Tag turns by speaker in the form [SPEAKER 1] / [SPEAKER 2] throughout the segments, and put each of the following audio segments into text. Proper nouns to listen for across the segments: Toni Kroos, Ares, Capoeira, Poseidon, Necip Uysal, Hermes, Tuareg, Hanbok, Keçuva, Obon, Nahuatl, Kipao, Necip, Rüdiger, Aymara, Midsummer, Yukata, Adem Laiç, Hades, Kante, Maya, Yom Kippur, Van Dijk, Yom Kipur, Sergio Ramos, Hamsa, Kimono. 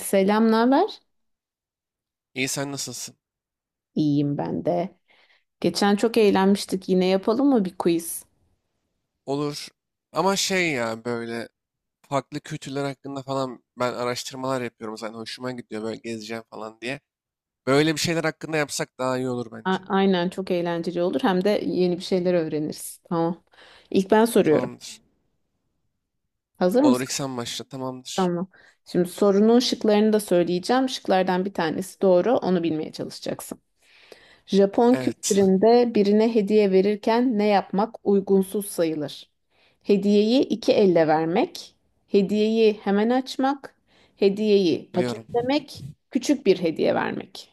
[SPEAKER 1] Selam, ne haber?
[SPEAKER 2] İyi, sen nasılsın?
[SPEAKER 1] İyiyim ben de. Geçen çok eğlenmiştik. Yine yapalım mı bir quiz?
[SPEAKER 2] Olur. Ama şey ya, böyle farklı kültürler hakkında falan ben araştırmalar yapıyorum zaten, hoşuma gidiyor böyle, gezeceğim falan diye. Böyle bir şeyler hakkında yapsak daha iyi olur bence.
[SPEAKER 1] Aynen çok eğlenceli olur. Hem de yeni bir şeyler öğreniriz. Tamam. İlk ben soruyorum.
[SPEAKER 2] Tamamdır.
[SPEAKER 1] Hazır
[SPEAKER 2] Olur, ilk
[SPEAKER 1] mısın?
[SPEAKER 2] sen başla, tamamdır.
[SPEAKER 1] Tamam. Şimdi sorunun şıklarını da söyleyeceğim. Şıklardan bir tanesi doğru. Onu bilmeye çalışacaksın. Japon
[SPEAKER 2] Evet,
[SPEAKER 1] kültüründe birine hediye verirken ne yapmak uygunsuz sayılır? Hediyeyi iki elle vermek, hediyeyi hemen açmak, hediyeyi
[SPEAKER 2] biliyorum.
[SPEAKER 1] paketlemek, küçük bir hediye vermek.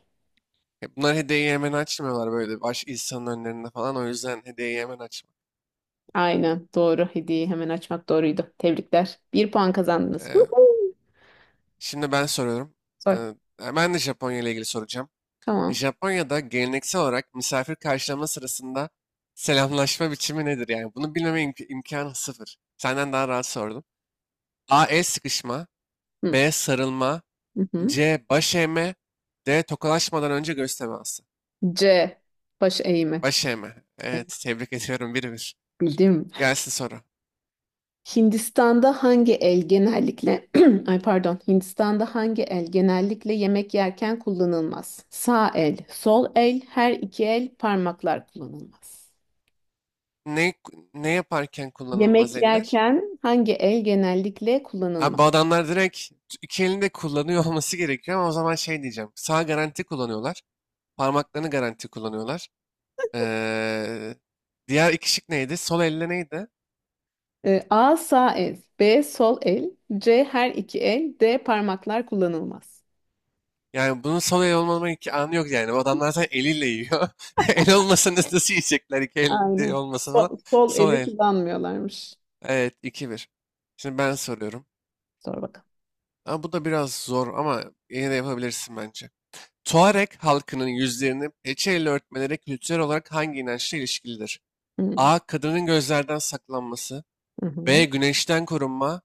[SPEAKER 2] Ya, bunlar hediyeyi hemen açmıyorlar, böyle baş insanın önlerinde falan, o yüzden hediyeyi hemen açma.
[SPEAKER 1] Aynen doğru. Hediyeyi hemen açmak doğruydu. Tebrikler. Bir puan kazandınız.
[SPEAKER 2] Ee,
[SPEAKER 1] Woohoo!
[SPEAKER 2] Şimdi ben soruyorum.
[SPEAKER 1] Sor.
[SPEAKER 2] Ee, Ben de Japonya ile ilgili soracağım.
[SPEAKER 1] Tamam.
[SPEAKER 2] Japonya'da geleneksel olarak misafir karşılama sırasında selamlaşma biçimi nedir? Yani bunu bilmeme imkanı sıfır. Senden daha rahat sordum. A. El sıkışma.
[SPEAKER 1] Hı.
[SPEAKER 2] B. Sarılma.
[SPEAKER 1] Hı hı.
[SPEAKER 2] C. Baş eğme. D. Tokalaşmadan önce göz teması.
[SPEAKER 1] C. Baş eğimi.
[SPEAKER 2] Baş eğme.
[SPEAKER 1] Evet,
[SPEAKER 2] Evet, tebrik ediyorum. 1-1.
[SPEAKER 1] bildim.
[SPEAKER 2] Gelsin soru.
[SPEAKER 1] Hindistan'da hangi el genellikle ay pardon Hindistan'da hangi el genellikle yemek yerken kullanılmaz? Sağ el, sol el, her iki el parmaklar kullanılmaz.
[SPEAKER 2] Ne, ne yaparken kullanılmaz
[SPEAKER 1] Yemek
[SPEAKER 2] eller?
[SPEAKER 1] yerken hangi el genellikle
[SPEAKER 2] Abi,
[SPEAKER 1] kullanılmaz?
[SPEAKER 2] bu adamlar direkt iki elinde kullanıyor olması gerekiyor, ama o zaman şey diyeceğim. Sağ garanti kullanıyorlar. Parmaklarını garanti kullanıyorlar. Eee, Diğer iki şık neydi? Sol elle neydi?
[SPEAKER 1] A sağ el, B sol el, C her iki el, D parmaklar kullanılmaz.
[SPEAKER 2] Yani bunun sol el olmama iki anı yok yani. Bu adamlar zaten eliyle yiyor. El olmasa nasıl yiyecekler? İki elde
[SPEAKER 1] Aynen.
[SPEAKER 2] olmasa falan.
[SPEAKER 1] Sol
[SPEAKER 2] Sol
[SPEAKER 1] eli
[SPEAKER 2] el.
[SPEAKER 1] kullanmıyorlarmış.
[SPEAKER 2] Evet, 2-1. Şimdi ben soruyorum.
[SPEAKER 1] Sor bakalım.
[SPEAKER 2] Ama bu da biraz zor, ama yine de yapabilirsin bence. Tuareg halkının yüzlerini peçeyle örtmeleri kültürel olarak hangi inançla ilişkilidir?
[SPEAKER 1] Hı
[SPEAKER 2] A. Kadının gözlerden saklanması.
[SPEAKER 1] hı. Hı.
[SPEAKER 2] B. Güneşten korunma.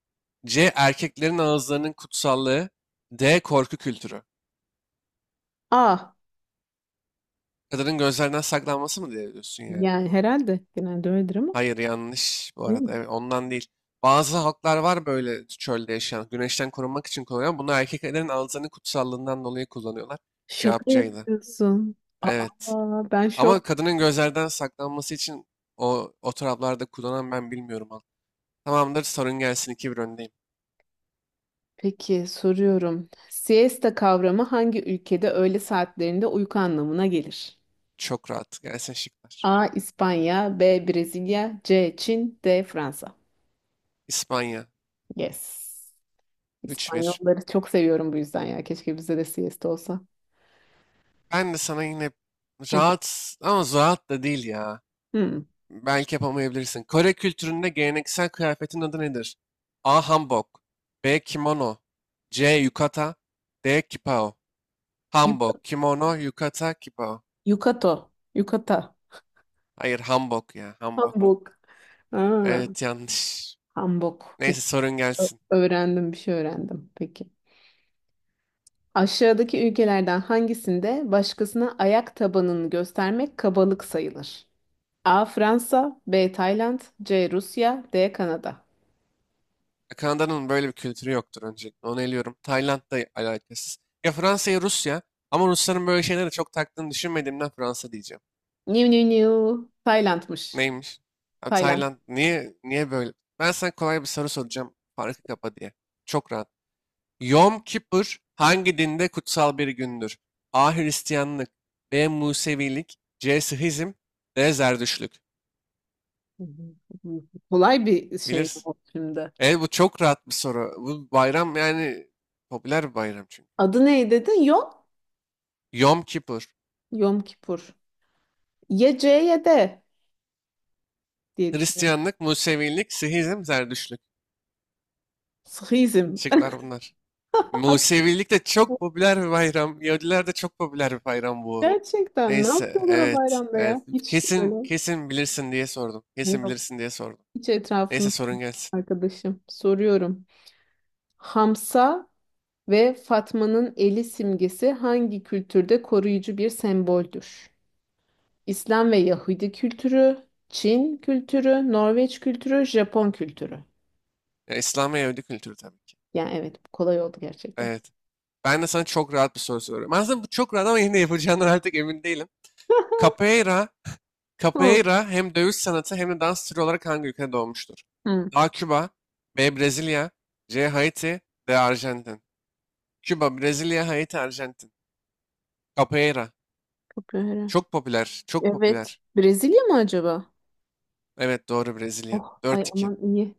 [SPEAKER 2] C. Erkeklerin ağızlarının kutsallığı. D. Korku kültürü.
[SPEAKER 1] A,
[SPEAKER 2] Kadının gözlerinden saklanması mı diye diyorsun yani?
[SPEAKER 1] yani herhalde genelde öyledir ama.
[SPEAKER 2] Hayır, yanlış bu arada. Evet, ondan değil. Bazı halklar var böyle çölde yaşayan. Güneşten korunmak için kullanıyor. Bunu erkeklerin ağızlarının kutsallığından dolayı kullanıyorlar. Cevap
[SPEAKER 1] Şaka
[SPEAKER 2] C'ydi.
[SPEAKER 1] yapıyorsun.
[SPEAKER 2] Evet.
[SPEAKER 1] Aa, ben
[SPEAKER 2] Ama
[SPEAKER 1] şok.
[SPEAKER 2] kadının gözlerden saklanması için o taraflarda kullanan ben bilmiyorum. Halk. Tamamdır, sorun gelsin, 2-1 öndeyim.
[SPEAKER 1] Peki soruyorum. Siesta kavramı hangi ülkede öğle saatlerinde uyku anlamına gelir?
[SPEAKER 2] Çok rahat. Gelsin şıklar.
[SPEAKER 1] A. İspanya, B. Brezilya, C. Çin, D. Fransa.
[SPEAKER 2] İspanya.
[SPEAKER 1] Yes.
[SPEAKER 2] 3-1.
[SPEAKER 1] İspanyolları çok seviyorum bu yüzden ya. Keşke bizde de siesta olsa.
[SPEAKER 2] Ben de sana yine
[SPEAKER 1] Hadi.
[SPEAKER 2] rahat, ama rahat da değil ya.
[SPEAKER 1] Hmm.
[SPEAKER 2] Belki yapamayabilirsin. Kore kültüründe geleneksel kıyafetin adı nedir? A. Hanbok, B. Kimono, C. Yukata, D. Kipao. Hanbok,
[SPEAKER 1] Yuk-
[SPEAKER 2] kimono, yukata, kipao.
[SPEAKER 1] Yukato. Yukata.
[SPEAKER 2] Hayır, hanbok ya, hanbok.
[SPEAKER 1] Hamburg. Aa,
[SPEAKER 2] Evet, yanlış.
[SPEAKER 1] Hamburg.
[SPEAKER 2] Neyse,
[SPEAKER 1] Peki.
[SPEAKER 2] sorun gelsin.
[SPEAKER 1] Öğrendim, bir şey öğrendim. Peki. Aşağıdaki ülkelerden hangisinde başkasına ayak tabanını göstermek kabalık sayılır? A. Fransa, B. Tayland, C. Rusya, D. Kanada.
[SPEAKER 2] Kanada'nın böyle bir kültürü yoktur öncelikle. Onu eliyorum. Tayland'da alakasız. Ya Fransa ya Rusya. Ama Rusların böyle şeylere çok taktığını düşünmediğimden Fransa diyeceğim.
[SPEAKER 1] New new new. Tayland'mış.
[SPEAKER 2] Neymiş? Ha,
[SPEAKER 1] Tayland.
[SPEAKER 2] Tayland, niye böyle? Ben sana kolay bir soru soracağım. Farkı kapa diye. Çok rahat. Yom Kippur hangi dinde kutsal bir gündür? A. Hristiyanlık, B. Musevilik, C. Sihizm, D. Zerdüştlük.
[SPEAKER 1] Hı hı. Kolay bir şey mi
[SPEAKER 2] Bilirsin.
[SPEAKER 1] bu şimdi?
[SPEAKER 2] E, bu çok rahat bir soru. Bu bayram, yani popüler bir bayram çünkü.
[SPEAKER 1] Adı ne dedin? Yom?
[SPEAKER 2] Yom Kippur.
[SPEAKER 1] Yom Kipur. Ya C ya D diye düşünüyorum.
[SPEAKER 2] Hristiyanlık, Musevilik, Sihizm, Zerdüştlük.
[SPEAKER 1] Sıhizm.
[SPEAKER 2] Şıklar bunlar. Musevilik de çok popüler bir bayram. Yahudiler de çok popüler bir bayram bu.
[SPEAKER 1] Gerçekten ne
[SPEAKER 2] Neyse,
[SPEAKER 1] yapıyorlar o
[SPEAKER 2] evet,
[SPEAKER 1] bayramda
[SPEAKER 2] evet.
[SPEAKER 1] ya? Hiç öyle.
[SPEAKER 2] Kesin, kesin bilirsin diye sordum. Kesin
[SPEAKER 1] Yok.
[SPEAKER 2] bilirsin diye sordum.
[SPEAKER 1] Hiç
[SPEAKER 2] Neyse,
[SPEAKER 1] etrafımda
[SPEAKER 2] sorun gelsin.
[SPEAKER 1] arkadaşım. Soruyorum. Hamsa ve Fatma'nın eli simgesi hangi kültürde koruyucu bir semboldür? İslam ve Yahudi kültürü, Çin kültürü, Norveç kültürü, Japon kültürü.
[SPEAKER 2] Ya, İslam ve Yahudi kültürü tabii ki.
[SPEAKER 1] Yani evet, bu kolay oldu gerçekten.
[SPEAKER 2] Evet. Ben de sana çok rahat bir soru soruyorum. Aslında bu çok rahat, ama yine de yapacağından artık emin değilim. Capoeira,
[SPEAKER 1] Hı.
[SPEAKER 2] Capoeira hem dövüş sanatı hem de dans türü olarak hangi ülkede doğmuştur?
[SPEAKER 1] Hı.
[SPEAKER 2] A. Küba, B. Brezilya, C. Haiti, D. Arjantin. Küba, Brezilya, Haiti, Arjantin. Capoeira.
[SPEAKER 1] Çok öyle.
[SPEAKER 2] Çok popüler, çok
[SPEAKER 1] Evet.
[SPEAKER 2] popüler.
[SPEAKER 1] Brezilya mı acaba?
[SPEAKER 2] Evet, doğru. Brezilya.
[SPEAKER 1] Oh ay
[SPEAKER 2] 4-2.
[SPEAKER 1] aman iyi.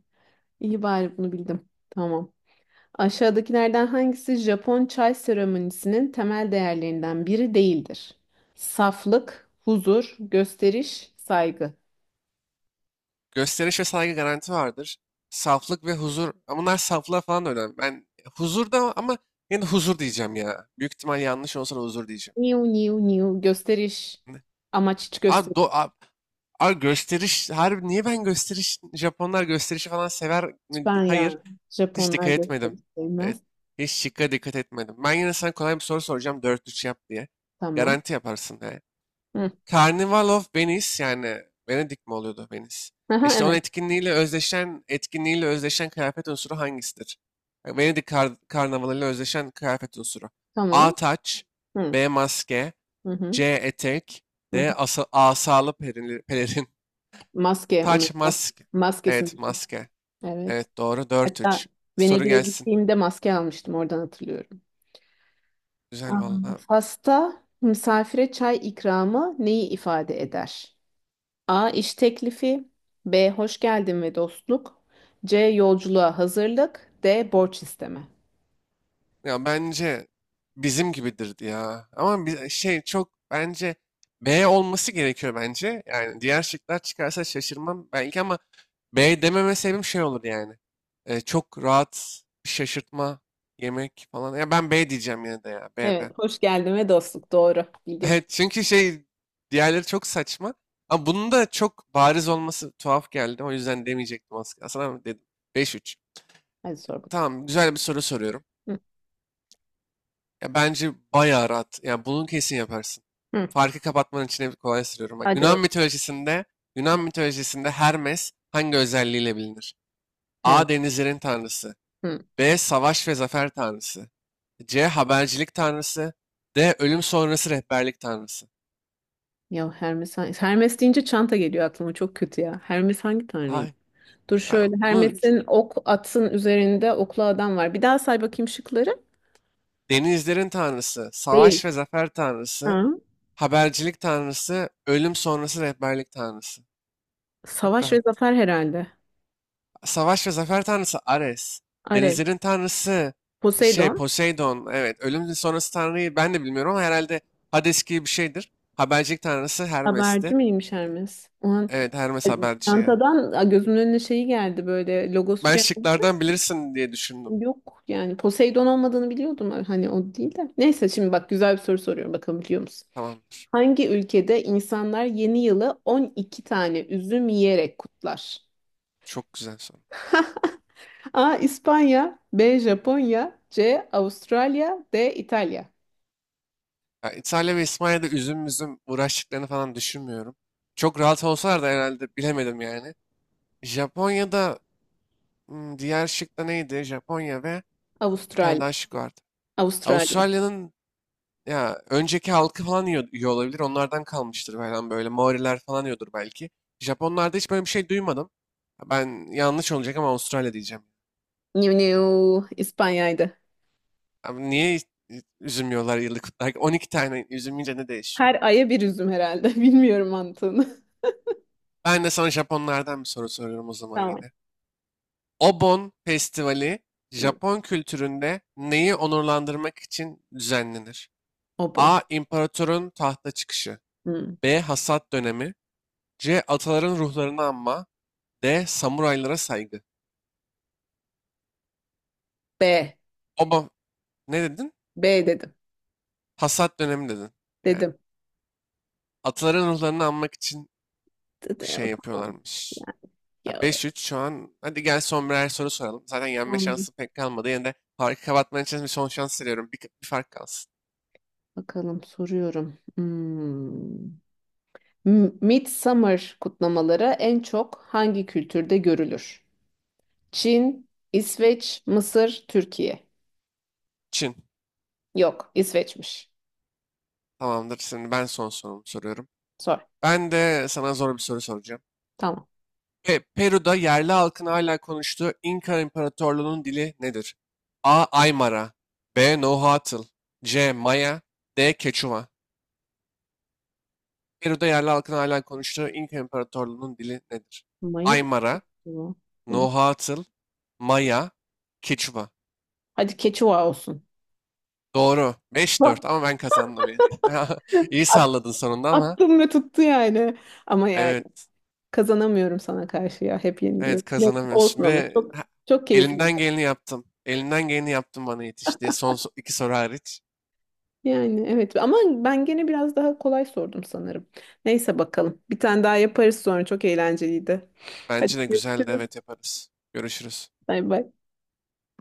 [SPEAKER 1] İyi bari bunu bildim. Tamam. Aşağıdakilerden hangisi Japon çay seremonisinin temel değerlerinden biri değildir? Saflık, huzur, gösteriş, saygı.
[SPEAKER 2] Gösteriş ve saygı garanti vardır. Saflık ve huzur. Ama bunlar, saflığa falan da önemli. Ben huzur da, ama yine de huzur diyeceğim ya. Büyük ihtimal yanlış olsa da huzur diyeceğim.
[SPEAKER 1] Niu niu niu gösteriş.
[SPEAKER 2] Ne?
[SPEAKER 1] Amaç hiç
[SPEAKER 2] Abi,
[SPEAKER 1] gösteriş.
[SPEAKER 2] do, abi, abi gösteriş. Harbi, niye ben gösteriş? Japonlar gösterişi falan sever mi?
[SPEAKER 1] Ben
[SPEAKER 2] Hayır.
[SPEAKER 1] ya.
[SPEAKER 2] Hiç
[SPEAKER 1] Japonlar
[SPEAKER 2] dikkat etmedim.
[SPEAKER 1] gösteriş
[SPEAKER 2] Evet.
[SPEAKER 1] sevmez.
[SPEAKER 2] Hiç şıkka dikkat etmedim. Ben yine sana kolay bir soru soracağım. 4-3 yap diye.
[SPEAKER 1] Tamam.
[SPEAKER 2] Garanti yaparsın. Yani.
[SPEAKER 1] Hı.
[SPEAKER 2] Carnival of Venice, yani Venedik mi oluyordu Venice?
[SPEAKER 1] Aha,
[SPEAKER 2] İşte onun
[SPEAKER 1] evet.
[SPEAKER 2] etkinliğiyle özdeşen kıyafet unsuru hangisidir? Venedik karnavalıyla özdeşen kıyafet unsuru.
[SPEAKER 1] Tamam.
[SPEAKER 2] A taç,
[SPEAKER 1] Hı.
[SPEAKER 2] B maske,
[SPEAKER 1] Hı hı.
[SPEAKER 2] C etek,
[SPEAKER 1] Hı hı.
[SPEAKER 2] D asalı pelerin.
[SPEAKER 1] Maske onun
[SPEAKER 2] Taç,
[SPEAKER 1] mas-
[SPEAKER 2] maske.
[SPEAKER 1] maskesi.
[SPEAKER 2] Evet,
[SPEAKER 1] Meşhur.
[SPEAKER 2] maske.
[SPEAKER 1] Evet.
[SPEAKER 2] Evet, doğru, dört
[SPEAKER 1] Hatta
[SPEAKER 2] üç. Soru
[SPEAKER 1] Venedik'e
[SPEAKER 2] gelsin.
[SPEAKER 1] gittiğimde maske almıştım. Oradan hatırlıyorum.
[SPEAKER 2] Güzel
[SPEAKER 1] Aa,
[SPEAKER 2] valla.
[SPEAKER 1] Fas'ta misafire çay ikramı neyi ifade eder? A. İş teklifi. B. Hoş geldin ve dostluk. C. Yolculuğa hazırlık. D. Borç isteme.
[SPEAKER 2] Ya, bence bizim gibidir ya. Ama bir şey, çok bence B olması gerekiyor bence. Yani diğer şıklar çıkarsa şaşırmam belki, ama B dememe sebebim şey olur yani. Çok rahat bir şaşırtma yemek falan. Ya, ben B diyeceğim yine de ya. B,
[SPEAKER 1] Evet,
[SPEAKER 2] B.
[SPEAKER 1] hoş geldin ve dostluk. Doğru. Bildin.
[SPEAKER 2] Evet, çünkü şey, diğerleri çok saçma. Ama bunun da çok bariz olması tuhaf geldi. O yüzden demeyecektim aslında. Aslında dedim. 5-3.
[SPEAKER 1] Hadi sor bakalım.
[SPEAKER 2] Tamam, güzel bir soru soruyorum.
[SPEAKER 1] Hı.
[SPEAKER 2] Ya, bence bayağı rahat. Yani bunu kesin yaparsın.
[SPEAKER 1] Hı.
[SPEAKER 2] Farkı kapatmanın içine kolay sürüyorum. Bak,
[SPEAKER 1] Hadi.
[SPEAKER 2] Yunan mitolojisinde Yunan
[SPEAKER 1] Bakalım.
[SPEAKER 2] mitolojisinde Hermes hangi özelliğiyle bilinir?
[SPEAKER 1] Evet.
[SPEAKER 2] A. Denizlerin tanrısı.
[SPEAKER 1] Hı.
[SPEAKER 2] B. Savaş ve zafer tanrısı. C. Habercilik tanrısı. D. Ölüm sonrası rehberlik tanrısı.
[SPEAKER 1] Ya Hermes, Hermes deyince çanta geliyor aklıma, çok kötü ya. Hermes hangi tanrıyım?
[SPEAKER 2] Ay,
[SPEAKER 1] Dur,
[SPEAKER 2] a-
[SPEAKER 1] şöyle
[SPEAKER 2] bunu ç-
[SPEAKER 1] Hermes'in ok atın üzerinde oklu adam var. Bir daha say bakayım şıkları.
[SPEAKER 2] denizlerin tanrısı,
[SPEAKER 1] Değil.
[SPEAKER 2] savaş ve zafer
[SPEAKER 1] Ha.
[SPEAKER 2] tanrısı, habercilik tanrısı, ölüm sonrası rehberlik tanrısı. Çok
[SPEAKER 1] Savaş ve
[SPEAKER 2] rahat.
[SPEAKER 1] zafer herhalde.
[SPEAKER 2] Savaş ve zafer tanrısı Ares.
[SPEAKER 1] Ares.
[SPEAKER 2] Denizlerin tanrısı şey
[SPEAKER 1] Poseidon.
[SPEAKER 2] Poseidon. Evet, ölüm sonrası tanrıyı ben de bilmiyorum, ama herhalde Hades gibi bir şeydir. Habercilik tanrısı
[SPEAKER 1] Haberci
[SPEAKER 2] Hermes'ti.
[SPEAKER 1] miymiş Hermes? O an
[SPEAKER 2] Evet, Hermes haberci ya.
[SPEAKER 1] çantadan gözümün önüne şeyi geldi, böyle logosu
[SPEAKER 2] Ben
[SPEAKER 1] geldi.
[SPEAKER 2] şıklardan bilirsin diye düşündüm.
[SPEAKER 1] Yok yani, Poseidon olmadığını biliyordum, hani o değil de. Neyse, şimdi bak, güzel bir soru soruyorum, bakalım biliyor musun?
[SPEAKER 2] Tamam,
[SPEAKER 1] Hangi ülkede insanlar yeni yılı 12 tane üzüm yiyerek kutlar?
[SPEAKER 2] çok güzel soru.
[SPEAKER 1] A. İspanya. B. Japonya. C. Avustralya. D. İtalya.
[SPEAKER 2] Ya, İtalya ve İspanya'da üzüm üzüm uğraştıklarını falan düşünmüyorum. Çok rahat olsalar da, herhalde bilemedim yani. Japonya'da, diğer şık da neydi? Japonya ve bir tane
[SPEAKER 1] Avustralya
[SPEAKER 2] daha şık vardı.
[SPEAKER 1] Avustralya.
[SPEAKER 2] Avustralya'nın ya önceki halkı falan, yiyor, yiyor olabilir. Onlardan kalmıştır falan böyle. Maoriler falan yiyordur belki. Japonlarda hiç böyle bir şey duymadım. Ben yanlış olacak, ama Avustralya diyeceğim.
[SPEAKER 1] Avralya, İspanya'ydı.
[SPEAKER 2] Abi, niye üzüm yiyorlar yıllık olarak? 12 tane üzüm yiyince ne değişiyor?
[SPEAKER 1] Her aya bir üzüm herhalde. Bilmiyorum mantığını.
[SPEAKER 2] Ben de sana Japonlardan bir soru soruyorum o zaman
[SPEAKER 1] Tamam.
[SPEAKER 2] yine. Obon Festivali
[SPEAKER 1] Hı.
[SPEAKER 2] Japon kültüründe neyi onurlandırmak için düzenlenir?
[SPEAKER 1] O bu.
[SPEAKER 2] A. İmparatorun tahta çıkışı.
[SPEAKER 1] Hı.
[SPEAKER 2] B. Hasat dönemi. C. Ataların ruhlarını anma. D. Samuraylara saygı.
[SPEAKER 1] B.
[SPEAKER 2] Oba Ne dedin?
[SPEAKER 1] B dedim.
[SPEAKER 2] Hasat dönemi dedin. Yani
[SPEAKER 1] Dedim.
[SPEAKER 2] ataların ruhlarını anmak için
[SPEAKER 1] D- d-
[SPEAKER 2] şey
[SPEAKER 1] Tamam.
[SPEAKER 2] yapıyorlarmış.
[SPEAKER 1] Ya,
[SPEAKER 2] Ya,
[SPEAKER 1] ya-
[SPEAKER 2] 5-3 şu an. Hadi gel, son birer soru soralım. Zaten yenme
[SPEAKER 1] Tamam.
[SPEAKER 2] şansı pek kalmadı. Yine de farkı kapatman için bir son şans veriyorum. Bir, bir fark kalsın.
[SPEAKER 1] Bakalım, soruyorum. Hmm. Midsummer kutlamaları en çok hangi kültürde görülür? Çin, İsveç, Mısır, Türkiye.
[SPEAKER 2] Çin.
[SPEAKER 1] Yok, İsveç'miş.
[SPEAKER 2] Tamamdır. Şimdi ben son sorumu soruyorum.
[SPEAKER 1] Sor.
[SPEAKER 2] Ben de sana zor bir soru soracağım.
[SPEAKER 1] Tamam.
[SPEAKER 2] Peru'da yerli halkın hala konuştuğu İnka İmparatorluğu'nun dili nedir? A. Aymara, B. Nahuatl, C. Maya, D. Keçuva. Peru'da yerli halkın hala konuştuğu İnka İmparatorluğu'nun dili nedir?
[SPEAKER 1] Maya değil mi
[SPEAKER 2] Aymara,
[SPEAKER 1] bu? Hı.
[SPEAKER 2] Nahuatl, Maya, Keçuva.
[SPEAKER 1] Hadi Keçuva olsun.
[SPEAKER 2] Doğru. Beş
[SPEAKER 1] Bak,
[SPEAKER 2] dört ama ben kazandım yine. İyi salladın sonunda ama.
[SPEAKER 1] attım ve tuttu yani. Ama yani
[SPEAKER 2] Evet.
[SPEAKER 1] kazanamıyorum sana karşı ya. Hep
[SPEAKER 2] Evet,
[SPEAKER 1] yeniliyorum. Neyse olsun,
[SPEAKER 2] kazanamıyorsun. Bir
[SPEAKER 1] ama
[SPEAKER 2] de
[SPEAKER 1] çok
[SPEAKER 2] ha,
[SPEAKER 1] çok keyifli.
[SPEAKER 2] elimden geleni yaptım. Elimden geleni yaptım bana yetiş diye, son iki soru hariç.
[SPEAKER 1] Yani evet, ama ben gene biraz daha kolay sordum sanırım. Neyse bakalım. Bir tane daha yaparız sonra. Çok eğlenceliydi. Hadi
[SPEAKER 2] Bence de güzeldi.
[SPEAKER 1] görüşürüz.
[SPEAKER 2] Evet, yaparız. Görüşürüz.
[SPEAKER 1] Bay bay.